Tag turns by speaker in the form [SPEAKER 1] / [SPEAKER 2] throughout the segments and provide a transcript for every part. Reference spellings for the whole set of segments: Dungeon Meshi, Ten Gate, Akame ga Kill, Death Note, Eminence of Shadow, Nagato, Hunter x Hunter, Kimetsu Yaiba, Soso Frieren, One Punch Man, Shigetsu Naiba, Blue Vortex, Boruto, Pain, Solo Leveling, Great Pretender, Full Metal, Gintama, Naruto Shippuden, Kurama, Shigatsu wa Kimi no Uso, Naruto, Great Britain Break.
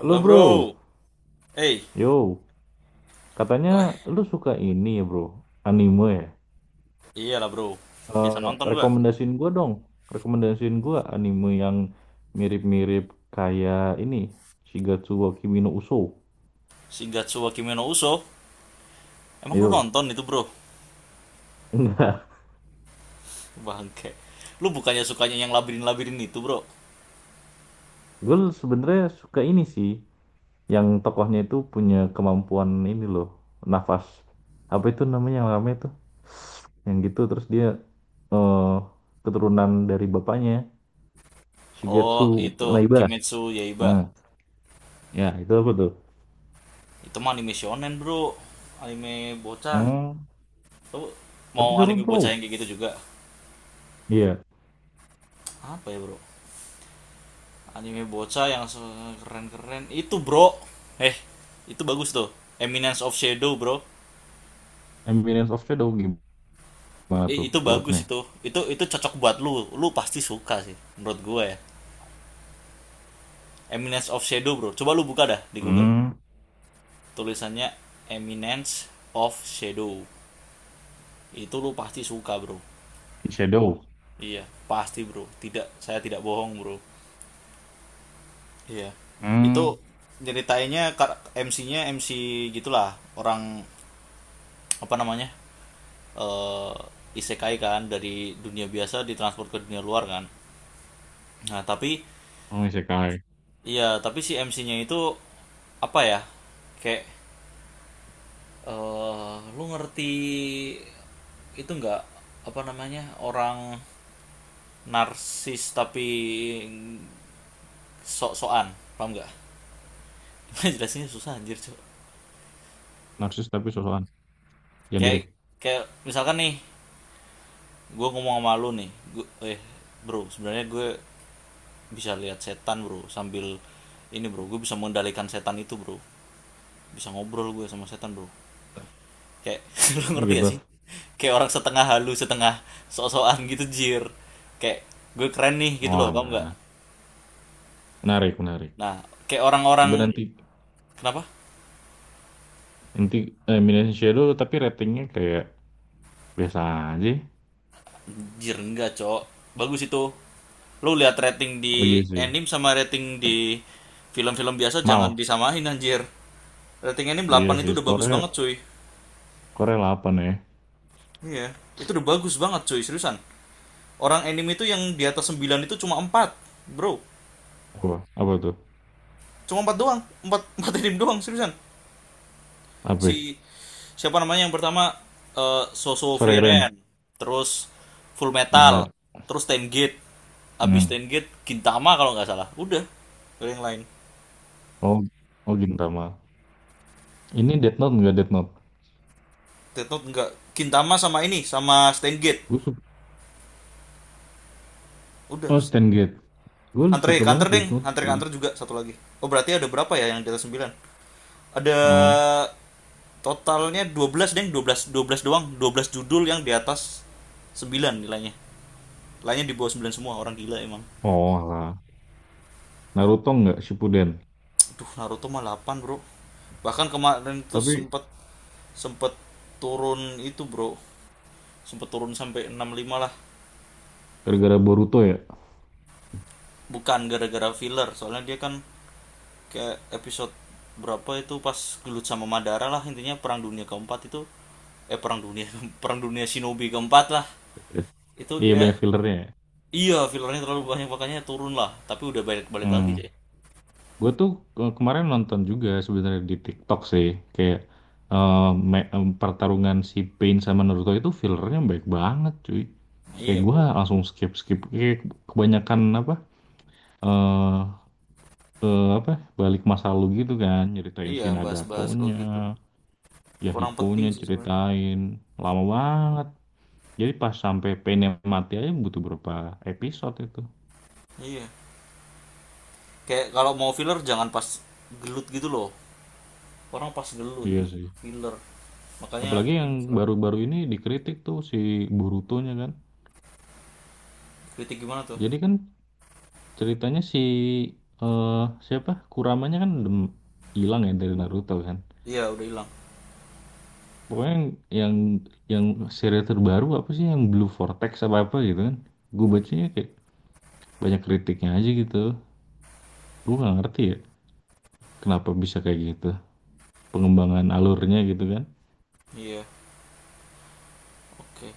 [SPEAKER 1] Halo
[SPEAKER 2] Halo
[SPEAKER 1] bro,
[SPEAKER 2] bro. Eh,
[SPEAKER 1] yo, katanya
[SPEAKER 2] eh
[SPEAKER 1] lu suka ini ya bro, anime ya?
[SPEAKER 2] iya lah bro. Biasa
[SPEAKER 1] Eh
[SPEAKER 2] nonton gua.
[SPEAKER 1] Rekomendasiin gua dong, rekomendasiin gua anime yang mirip-mirip kayak ini, Shigatsu wa Kimi no Uso.
[SPEAKER 2] Shigatsu wa Kimi no Uso. Emang lu
[SPEAKER 1] Yo,
[SPEAKER 2] nonton itu bro?
[SPEAKER 1] enggak,
[SPEAKER 2] Bangke. Lu bukannya sukanya yang labirin-labirin itu bro?
[SPEAKER 1] gue sebenarnya suka ini sih, yang tokohnya itu punya kemampuan ini loh, nafas. Apa itu namanya yang rame tuh? Yang gitu terus dia eh keturunan dari bapaknya, Shigetsu
[SPEAKER 2] Oh itu
[SPEAKER 1] Naiba.
[SPEAKER 2] Kimetsu Yaiba.
[SPEAKER 1] Nah, ya itu apa tuh?
[SPEAKER 2] Itu mah anime shonen bro. Anime bocah.
[SPEAKER 1] Oh,
[SPEAKER 2] Lu
[SPEAKER 1] tapi
[SPEAKER 2] mau
[SPEAKER 1] seru
[SPEAKER 2] anime bocah
[SPEAKER 1] bro.
[SPEAKER 2] yang kayak gitu juga?
[SPEAKER 1] Iya,
[SPEAKER 2] Apa ya bro? Anime bocah yang keren-keren. Itu bro. Eh, itu bagus tuh. Eminence of Shadow bro.
[SPEAKER 1] Eminence of Shadow gimana tuh
[SPEAKER 2] Itu bagus,
[SPEAKER 1] plotnya?
[SPEAKER 2] itu cocok buat lu lu pasti suka sih menurut gue ya. Eminence of Shadow bro, coba lu buka dah di Google,
[SPEAKER 1] Hmm,
[SPEAKER 2] tulisannya Eminence of Shadow, itu lu pasti suka bro.
[SPEAKER 1] Shadow.
[SPEAKER 2] Iya, pasti bro, tidak, saya tidak bohong bro. Iya, itu
[SPEAKER 1] Hmm,
[SPEAKER 2] nyeritainnya, MC gitulah orang, apa namanya, eh isekai kan, dari dunia biasa ditransport ke dunia luar kan, nah tapi.
[SPEAKER 1] oh isekai.
[SPEAKER 2] Iya, tapi si MC-nya itu apa ya? Kayak lu ngerti itu nggak, apa namanya? Orang narsis tapi sok-sokan, paham nggak? Jelasinnya susah anjir, Cuk.
[SPEAKER 1] Narsis tapi sosokan. Yang dirik.
[SPEAKER 2] Kayak kayak misalkan nih, gue ngomong sama lu nih, gue eh bro, sebenarnya gue bisa lihat setan, bro, sambil ini, bro, gue bisa mengendalikan setan itu, bro. Bisa ngobrol gue sama setan, bro. Kayak lu
[SPEAKER 1] Oh,
[SPEAKER 2] ngerti gak
[SPEAKER 1] gitu.
[SPEAKER 2] sih? Kayak orang setengah halu, setengah sok-sokan gitu jir. Kayak gue keren nih gitu
[SPEAKER 1] Oh
[SPEAKER 2] loh, kamu nggak?
[SPEAKER 1] lah, menarik, menarik.
[SPEAKER 2] Nah, kayak orang-orang,
[SPEAKER 1] Coba nanti,
[SPEAKER 2] kenapa?
[SPEAKER 1] nanti Eminence of Shadow, tapi ratingnya kayak biasa aja.
[SPEAKER 2] Jir enggak, Cok. Bagus itu. Lu lihat rating di
[SPEAKER 1] Oh iya sih,
[SPEAKER 2] anime sama rating di film-film biasa jangan
[SPEAKER 1] mal.
[SPEAKER 2] disamain anjir. Rating anime
[SPEAKER 1] Iya
[SPEAKER 2] 8 itu
[SPEAKER 1] sih,
[SPEAKER 2] udah bagus
[SPEAKER 1] skornya,
[SPEAKER 2] banget, cuy.
[SPEAKER 1] skornya 8 ya.
[SPEAKER 2] Iya, itu udah bagus banget, cuy, seriusan. Orang anime itu yang di atas 9 itu cuma 4 bro.
[SPEAKER 1] Apa, apa tuh?
[SPEAKER 2] Cuma 4 doang, 4 4 anime doang, seriusan.
[SPEAKER 1] Apa?
[SPEAKER 2] Si, siapa namanya yang pertama, Soso
[SPEAKER 1] Soreren.
[SPEAKER 2] Frieren, terus Full
[SPEAKER 1] Iya.
[SPEAKER 2] Metal, terus Ten Gate, abis
[SPEAKER 1] Hmm.
[SPEAKER 2] Ten Gate Gintama kalau nggak salah, udah. Nggak yang lain.
[SPEAKER 1] Oh, oh Gintama. Ini Death Note nggak Death Note?
[SPEAKER 2] Death Note nggak, Gintama sama ini sama Ten Gate,
[SPEAKER 1] Gue.
[SPEAKER 2] udah.
[SPEAKER 1] Oh, Stand Gate. Gue
[SPEAKER 2] Hunter
[SPEAKER 1] suka
[SPEAKER 2] x
[SPEAKER 1] banget
[SPEAKER 2] Hunter deng,
[SPEAKER 1] Death Note,
[SPEAKER 2] Hunter x
[SPEAKER 1] cuy.
[SPEAKER 2] Hunter juga satu lagi. Oh berarti ada berapa ya yang di atas sembilan? Ada
[SPEAKER 1] Oh,
[SPEAKER 2] totalnya 12 deng, 12 doang, 12 judul yang di atas 9 nilainya. Lainnya di bawah 9 semua, orang gila emang.
[SPEAKER 1] oh lah. Naruto nggak Shippuden.
[SPEAKER 2] Aduh, Naruto mah 8 bro. Bahkan kemarin itu
[SPEAKER 1] Tapi
[SPEAKER 2] sempet sempet turun itu, bro. Sempet turun sampai enam lima lah.
[SPEAKER 1] gara-gara Boruto ya.
[SPEAKER 2] Bukan gara-gara filler, soalnya dia kan kayak episode berapa itu pas gelut sama Madara lah, intinya perang dunia keempat itu, perang dunia perang dunia shinobi keempat lah, itu
[SPEAKER 1] Iya
[SPEAKER 2] dia.
[SPEAKER 1] banyak fillernya ya.
[SPEAKER 2] Iya, fillernya terlalu banyak, makanya turun lah, tapi udah balik-balik lagi
[SPEAKER 1] Hmm.
[SPEAKER 2] sih.
[SPEAKER 1] Gue tuh kemarin nonton juga sebenarnya di TikTok sih. Kayak eh, pertarungan si Pain sama Naruto itu fillernya baik banget, cuy. Kayak
[SPEAKER 2] Iya
[SPEAKER 1] gue
[SPEAKER 2] bro.
[SPEAKER 1] langsung skip skip. Kayak kebanyakan apa? eh apa? Balik masa lalu gitu kan. Nyeritain
[SPEAKER 2] Iya,
[SPEAKER 1] si
[SPEAKER 2] bahas-bahas kalau
[SPEAKER 1] Nagatonya.
[SPEAKER 2] gitu
[SPEAKER 1] Ya
[SPEAKER 2] kurang penting
[SPEAKER 1] Hikonya
[SPEAKER 2] sih sebenarnya.
[SPEAKER 1] ceritain lama banget, jadi pas sampai Pain yang mati aja butuh berapa episode itu.
[SPEAKER 2] Iya, kayak kalau mau filler jangan pas gelut gitu loh, orang pas gelut
[SPEAKER 1] Iya sih.
[SPEAKER 2] filler, makanya
[SPEAKER 1] Apalagi yang
[SPEAKER 2] minus lah.
[SPEAKER 1] baru-baru ini dikritik tuh si Borutonya kan.
[SPEAKER 2] Kritik gimana tuh?
[SPEAKER 1] Jadi kan, ceritanya si siapa Kuramanya kan dem hilang ya dari Naruto kan.
[SPEAKER 2] Iya udah hilang.
[SPEAKER 1] Pokoknya yang, yang seri terbaru apa sih, yang Blue Vortex apa apa gitu kan. Gue bacanya kayak banyak kritiknya aja gitu. Gue nggak ngerti ya kenapa bisa kayak gitu, pengembangan alurnya gitu kan.
[SPEAKER 2] Iya, oke.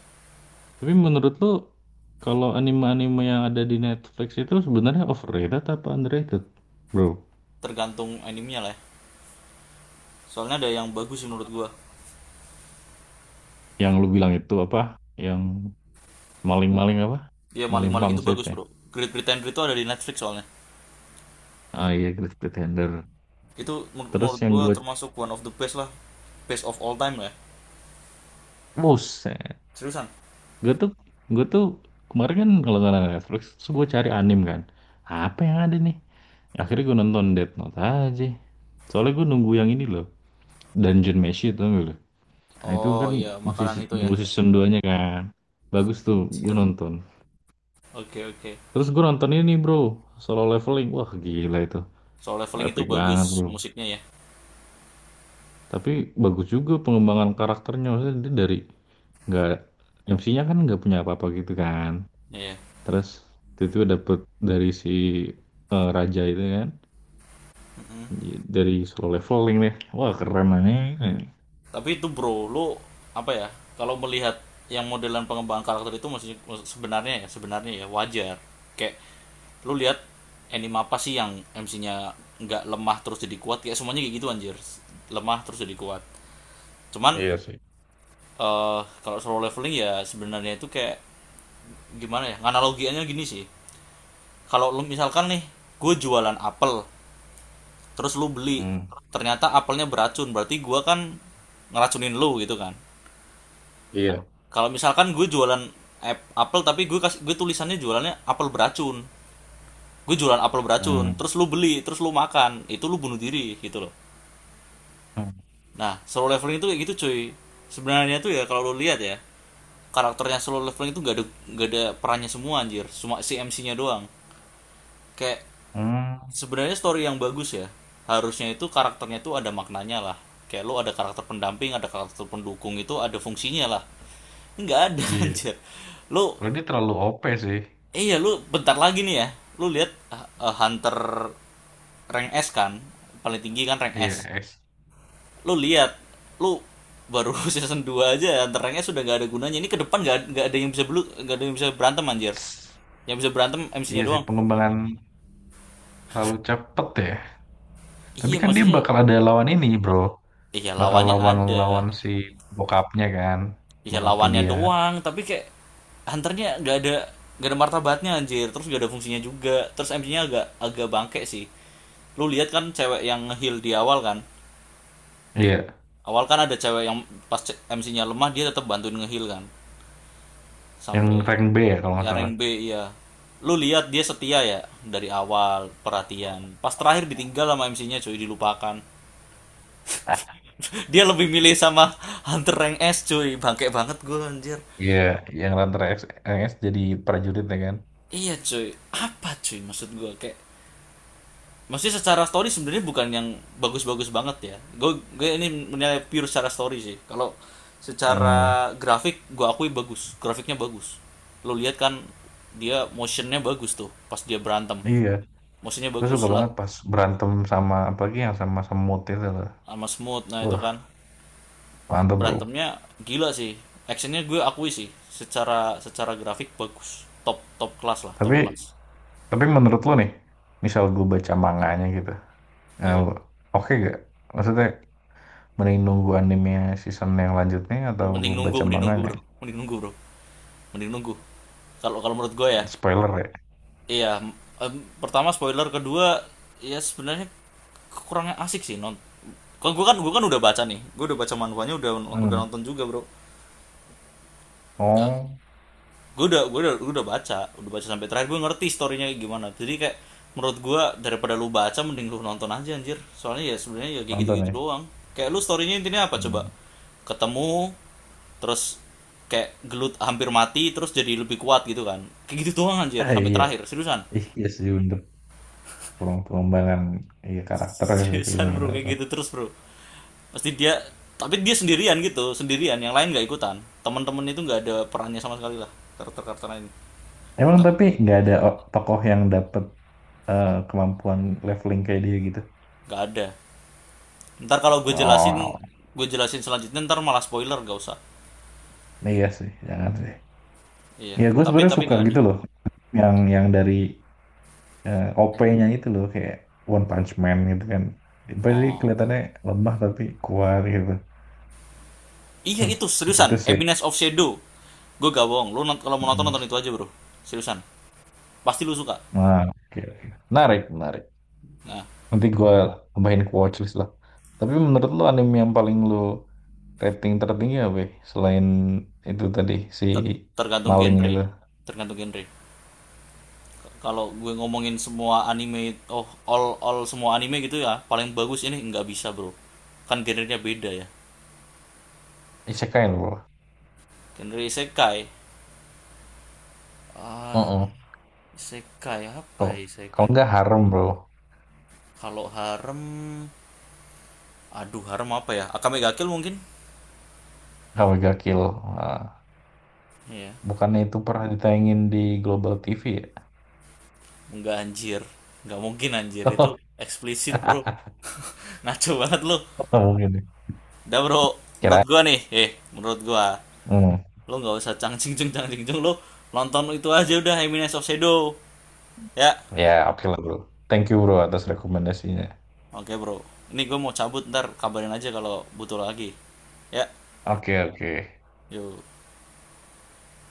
[SPEAKER 1] Tapi menurut lo, kalau anime-anime yang ada di Netflix itu sebenarnya overrated apa underrated, bro?
[SPEAKER 2] Tergantung animenya lah ya. Soalnya ada yang bagus sih menurut gua.
[SPEAKER 1] Yang lu bilang itu apa? Yang maling-maling apa?
[SPEAKER 2] Iya,
[SPEAKER 1] Maling
[SPEAKER 2] maling-maling itu
[SPEAKER 1] pangsit
[SPEAKER 2] bagus
[SPEAKER 1] ya?
[SPEAKER 2] bro. Great Britain Break itu ada di Netflix soalnya.
[SPEAKER 1] Ah iya, Great Pretender.
[SPEAKER 2] Itu
[SPEAKER 1] Terus
[SPEAKER 2] menurut
[SPEAKER 1] yang
[SPEAKER 2] gua
[SPEAKER 1] gue,
[SPEAKER 2] termasuk one of the best lah, best of all time lah ya.
[SPEAKER 1] buset.
[SPEAKER 2] Seriusan.
[SPEAKER 1] Gue tuh, gue tuh kemarin kan kalau nggak ada Netflix, terus gue cari anime kan. Apa yang ada nih? Akhirnya gue nonton Death Note aja. Soalnya gue nunggu yang ini loh, Dungeon Meshi itu. Nah itu
[SPEAKER 2] Oh
[SPEAKER 1] kan
[SPEAKER 2] iya,
[SPEAKER 1] masih
[SPEAKER 2] makanan itu ya.
[SPEAKER 1] nunggu season duanya kan. Bagus tuh, gue
[SPEAKER 2] Anjir.
[SPEAKER 1] nonton.
[SPEAKER 2] Oke, oke.
[SPEAKER 1] Terus gue nonton ini bro, solo leveling. Wah gila itu,
[SPEAKER 2] Soal leveling itu
[SPEAKER 1] epic
[SPEAKER 2] bagus
[SPEAKER 1] banget bro.
[SPEAKER 2] musiknya ya.
[SPEAKER 1] Tapi bagus juga pengembangan karakternya. Maksudnya dia dari nggak, MC-nya kan nggak punya apa-apa gitu kan.
[SPEAKER 2] Iya.
[SPEAKER 1] Terus itu dapet dari si raja itu kan, dari solo leveling deh. Wah keren nih.
[SPEAKER 2] Tapi itu bro, lu apa ya? Kalau melihat yang modelan pengembangan karakter itu maksudnya, sebenarnya ya, sebenarnya ya, wajar. Kayak lu lihat anime apa sih yang MC-nya nggak lemah terus jadi kuat? Kayak semuanya kayak gitu anjir. Lemah terus jadi kuat. Cuman,
[SPEAKER 1] Iya sih.
[SPEAKER 2] kalau solo leveling ya sebenarnya itu kayak gimana ya? Analogiannya gini sih. Kalau lu misalkan nih, gue jualan apel, terus lu beli,
[SPEAKER 1] Hmm.
[SPEAKER 2] ternyata apelnya beracun, berarti gua kan ngeracunin lu gitu kan. Nah,
[SPEAKER 1] Iya.
[SPEAKER 2] kalau misalkan gue jualan apel, tapi gue kasih, gue tulisannya jualannya apel beracun. Gue jualan apel beracun,
[SPEAKER 1] Hmm.
[SPEAKER 2] terus lu beli, terus lu makan, itu lu bunuh diri gitu loh.
[SPEAKER 1] Hmm.
[SPEAKER 2] Nah, solo leveling itu kayak gitu cuy. Sebenarnya tuh ya kalau lu lihat ya, karakternya solo leveling itu gak ada perannya semua anjir, cuma si MC-nya doang. Kayak
[SPEAKER 1] Hmm.
[SPEAKER 2] sebenarnya story yang bagus ya. Harusnya itu karakternya tuh ada maknanya lah. Kayak lu ada karakter pendamping, ada karakter pendukung itu ada fungsinya lah. Nggak ada
[SPEAKER 1] Iya.
[SPEAKER 2] anjir. Lu
[SPEAKER 1] Kalau dia terlalu OP sih.
[SPEAKER 2] Iya, lu bentar lagi nih ya, lu lihat hunter rank S kan, paling tinggi kan rank
[SPEAKER 1] Iya,
[SPEAKER 2] S. Lu lihat, lu baru season 2 aja hunter rank S sudah nggak ada gunanya, ini ke depan nggak ada yang bisa belu, nggak ada yang bisa berantem anjir. Yang bisa berantem MC-nya
[SPEAKER 1] iya sih
[SPEAKER 2] doang.
[SPEAKER 1] pengembangan terlalu cepet ya. Tapi
[SPEAKER 2] Iya,
[SPEAKER 1] kan dia
[SPEAKER 2] maksudnya.
[SPEAKER 1] bakal ada lawan ini, bro.
[SPEAKER 2] Iya,
[SPEAKER 1] Bakal
[SPEAKER 2] lawannya ada.
[SPEAKER 1] lawan-lawan si bokapnya kan,
[SPEAKER 2] Iya,
[SPEAKER 1] bokapnya
[SPEAKER 2] lawannya
[SPEAKER 1] dia.
[SPEAKER 2] doang tapi kayak hunternya nggak ada martabatnya anjir, terus nggak ada fungsinya juga, terus MC-nya agak agak bangke sih. Lu lihat kan cewek yang heal di awal kan,
[SPEAKER 1] Iya,
[SPEAKER 2] awal kan ada cewek yang pas MC-nya lemah dia tetap bantuin ngehil kan
[SPEAKER 1] yang
[SPEAKER 2] sampai,
[SPEAKER 1] rank B ya kalau
[SPEAKER 2] ya
[SPEAKER 1] nggak salah.
[SPEAKER 2] rank B iya. Lu lihat dia setia ya, dari awal perhatian, pas terakhir ditinggal sama MC-nya cuy, dilupakan. Dia lebih milih sama Hunter rank S cuy, bangke banget gue anjir.
[SPEAKER 1] Iya, yang Ranter X, Rank X jadi prajurit ya kan.
[SPEAKER 2] Iya cuy, apa cuy, maksud gue kayak. Maksudnya secara story sebenarnya bukan yang bagus-bagus banget ya. Gue ini menilai pure secara story sih. Kalau
[SPEAKER 1] Hmm,
[SPEAKER 2] secara grafik gue akui bagus, grafiknya bagus. Lo lihat kan dia motionnya bagus tuh pas dia berantem.
[SPEAKER 1] iya.
[SPEAKER 2] Motionnya
[SPEAKER 1] Gue suka
[SPEAKER 2] bagus lah,
[SPEAKER 1] banget pas berantem, sama apalagi yang sama semut itu loh.
[SPEAKER 2] sama smooth nah itu
[SPEAKER 1] Wah,
[SPEAKER 2] kan.
[SPEAKER 1] mantep bro.
[SPEAKER 2] Berantemnya gila sih. Actionnya gue akui sih. Secara secara grafik bagus. Top top kelas lah, top
[SPEAKER 1] Tapi
[SPEAKER 2] kelas.
[SPEAKER 1] tapi menurut lo nih, misal gue baca manganya gitu, eh,
[SPEAKER 2] Iya.
[SPEAKER 1] oke gak? Maksudnya, mending nunggu anime season yang lanjutnya atau baca
[SPEAKER 2] Mending nunggu
[SPEAKER 1] manganya?
[SPEAKER 2] bro, mending nunggu bro, mending nunggu. Kalau kalau menurut gue ya,
[SPEAKER 1] Spoiler ya?
[SPEAKER 2] iya, em, pertama spoiler, kedua ya sebenarnya kurangnya asik sih non. Kan gue kan udah baca nih, gue udah baca manhwanya, udah
[SPEAKER 1] Hmm.
[SPEAKER 2] nonton juga bro.
[SPEAKER 1] Oh,
[SPEAKER 2] Gue udah baca, udah baca sampai terakhir gue ngerti storynya gimana. Jadi kayak menurut gue daripada lu baca mending lu nonton aja anjir. Soalnya ya sebenarnya ya kayak
[SPEAKER 1] nonton
[SPEAKER 2] gitu-gitu
[SPEAKER 1] ya?
[SPEAKER 2] doang. Kayak lu storynya intinya apa coba?
[SPEAKER 1] Hmm.
[SPEAKER 2] Ketemu, terus kayak gelut hampir mati, terus jadi lebih kuat gitu kan. Kayak gitu doang anjir
[SPEAKER 1] Ah
[SPEAKER 2] sampai
[SPEAKER 1] iya,
[SPEAKER 2] terakhir, seriusan.
[SPEAKER 1] ih iya sih bener. Kurang pengembangan, iya karakternya sih
[SPEAKER 2] Seriusan bro, kayak
[SPEAKER 1] benar-benar.
[SPEAKER 2] gitu terus bro, pasti dia, tapi dia sendirian gitu, sendirian yang lain nggak ikutan, teman-teman itu nggak ada perannya sama sekali lah, karakter karakter ini.
[SPEAKER 1] Emang tapi nggak ada tokoh yang dapet kemampuan leveling kayak dia gitu.
[SPEAKER 2] Nggak ada. Ntar kalau gue jelasin
[SPEAKER 1] Wow,
[SPEAKER 2] gue jelasin selanjutnya ntar malah spoiler, gak usah.
[SPEAKER 1] iya sih, jangan sih.
[SPEAKER 2] Iya,
[SPEAKER 1] Ya gue
[SPEAKER 2] tapi
[SPEAKER 1] sebenarnya
[SPEAKER 2] tapi
[SPEAKER 1] suka
[SPEAKER 2] nggak ada.
[SPEAKER 1] gitu loh, yang dari OP-nya itu loh kayak One Punch Man gitu kan. Dia pasti
[SPEAKER 2] Oh
[SPEAKER 1] kelihatannya lemah tapi kuat gitu.
[SPEAKER 2] iya, itu
[SPEAKER 1] Gitu
[SPEAKER 2] seriusan
[SPEAKER 1] sih.
[SPEAKER 2] Eminence of Shadow, gue gak bohong, kalau mau nonton,
[SPEAKER 1] Hmm.
[SPEAKER 2] nonton itu aja bro. Seriusan, pasti lu suka.
[SPEAKER 1] Nah, oke. Oke. Menarik, menarik.
[SPEAKER 2] Nah,
[SPEAKER 1] Nanti gue tambahin ke watchlist lah. Tapi menurut lo anime yang paling lo rating tertinggi apa ya? Selain itu tadi si
[SPEAKER 2] ter- tergantung
[SPEAKER 1] maling
[SPEAKER 2] genre,
[SPEAKER 1] itu.
[SPEAKER 2] tergantung genre. Kalau gue ngomongin semua anime, oh all semua anime gitu ya, paling bagus ini nggak bisa bro. Kan genrenya beda ya.
[SPEAKER 1] Isekai lo.
[SPEAKER 2] Genre isekai, ah
[SPEAKER 1] Heeh.
[SPEAKER 2] isekai apa
[SPEAKER 1] Kalau
[SPEAKER 2] ya
[SPEAKER 1] kalau
[SPEAKER 2] isekai.
[SPEAKER 1] nggak harem bro.
[SPEAKER 2] Kalau harem, aduh, harem apa ya? Akame ga Kill mungkin.
[SPEAKER 1] Kalau nggak kill. Ah,
[SPEAKER 2] Iya
[SPEAKER 1] bukannya itu pernah ditayangin di Global TV ya?
[SPEAKER 2] nggak anjir, nggak mungkin anjir, itu eksplisit bro. Naco banget lo.
[SPEAKER 1] Mungkin ya.
[SPEAKER 2] Udah bro, menurut
[SPEAKER 1] Kira.
[SPEAKER 2] gua nih, menurut gua
[SPEAKER 1] Hmm.
[SPEAKER 2] lo nggak usah cangcing cing cangcing cing, lo nonton itu aja udah Eminence of Shadow ya.
[SPEAKER 1] Ya, oke lah bro. Thank you bro atas rekomendasinya.
[SPEAKER 2] Oke bro, ini gue mau cabut, ntar kabarin aja kalau butuh lagi. Ya,
[SPEAKER 1] Oke, oke.
[SPEAKER 2] yuk.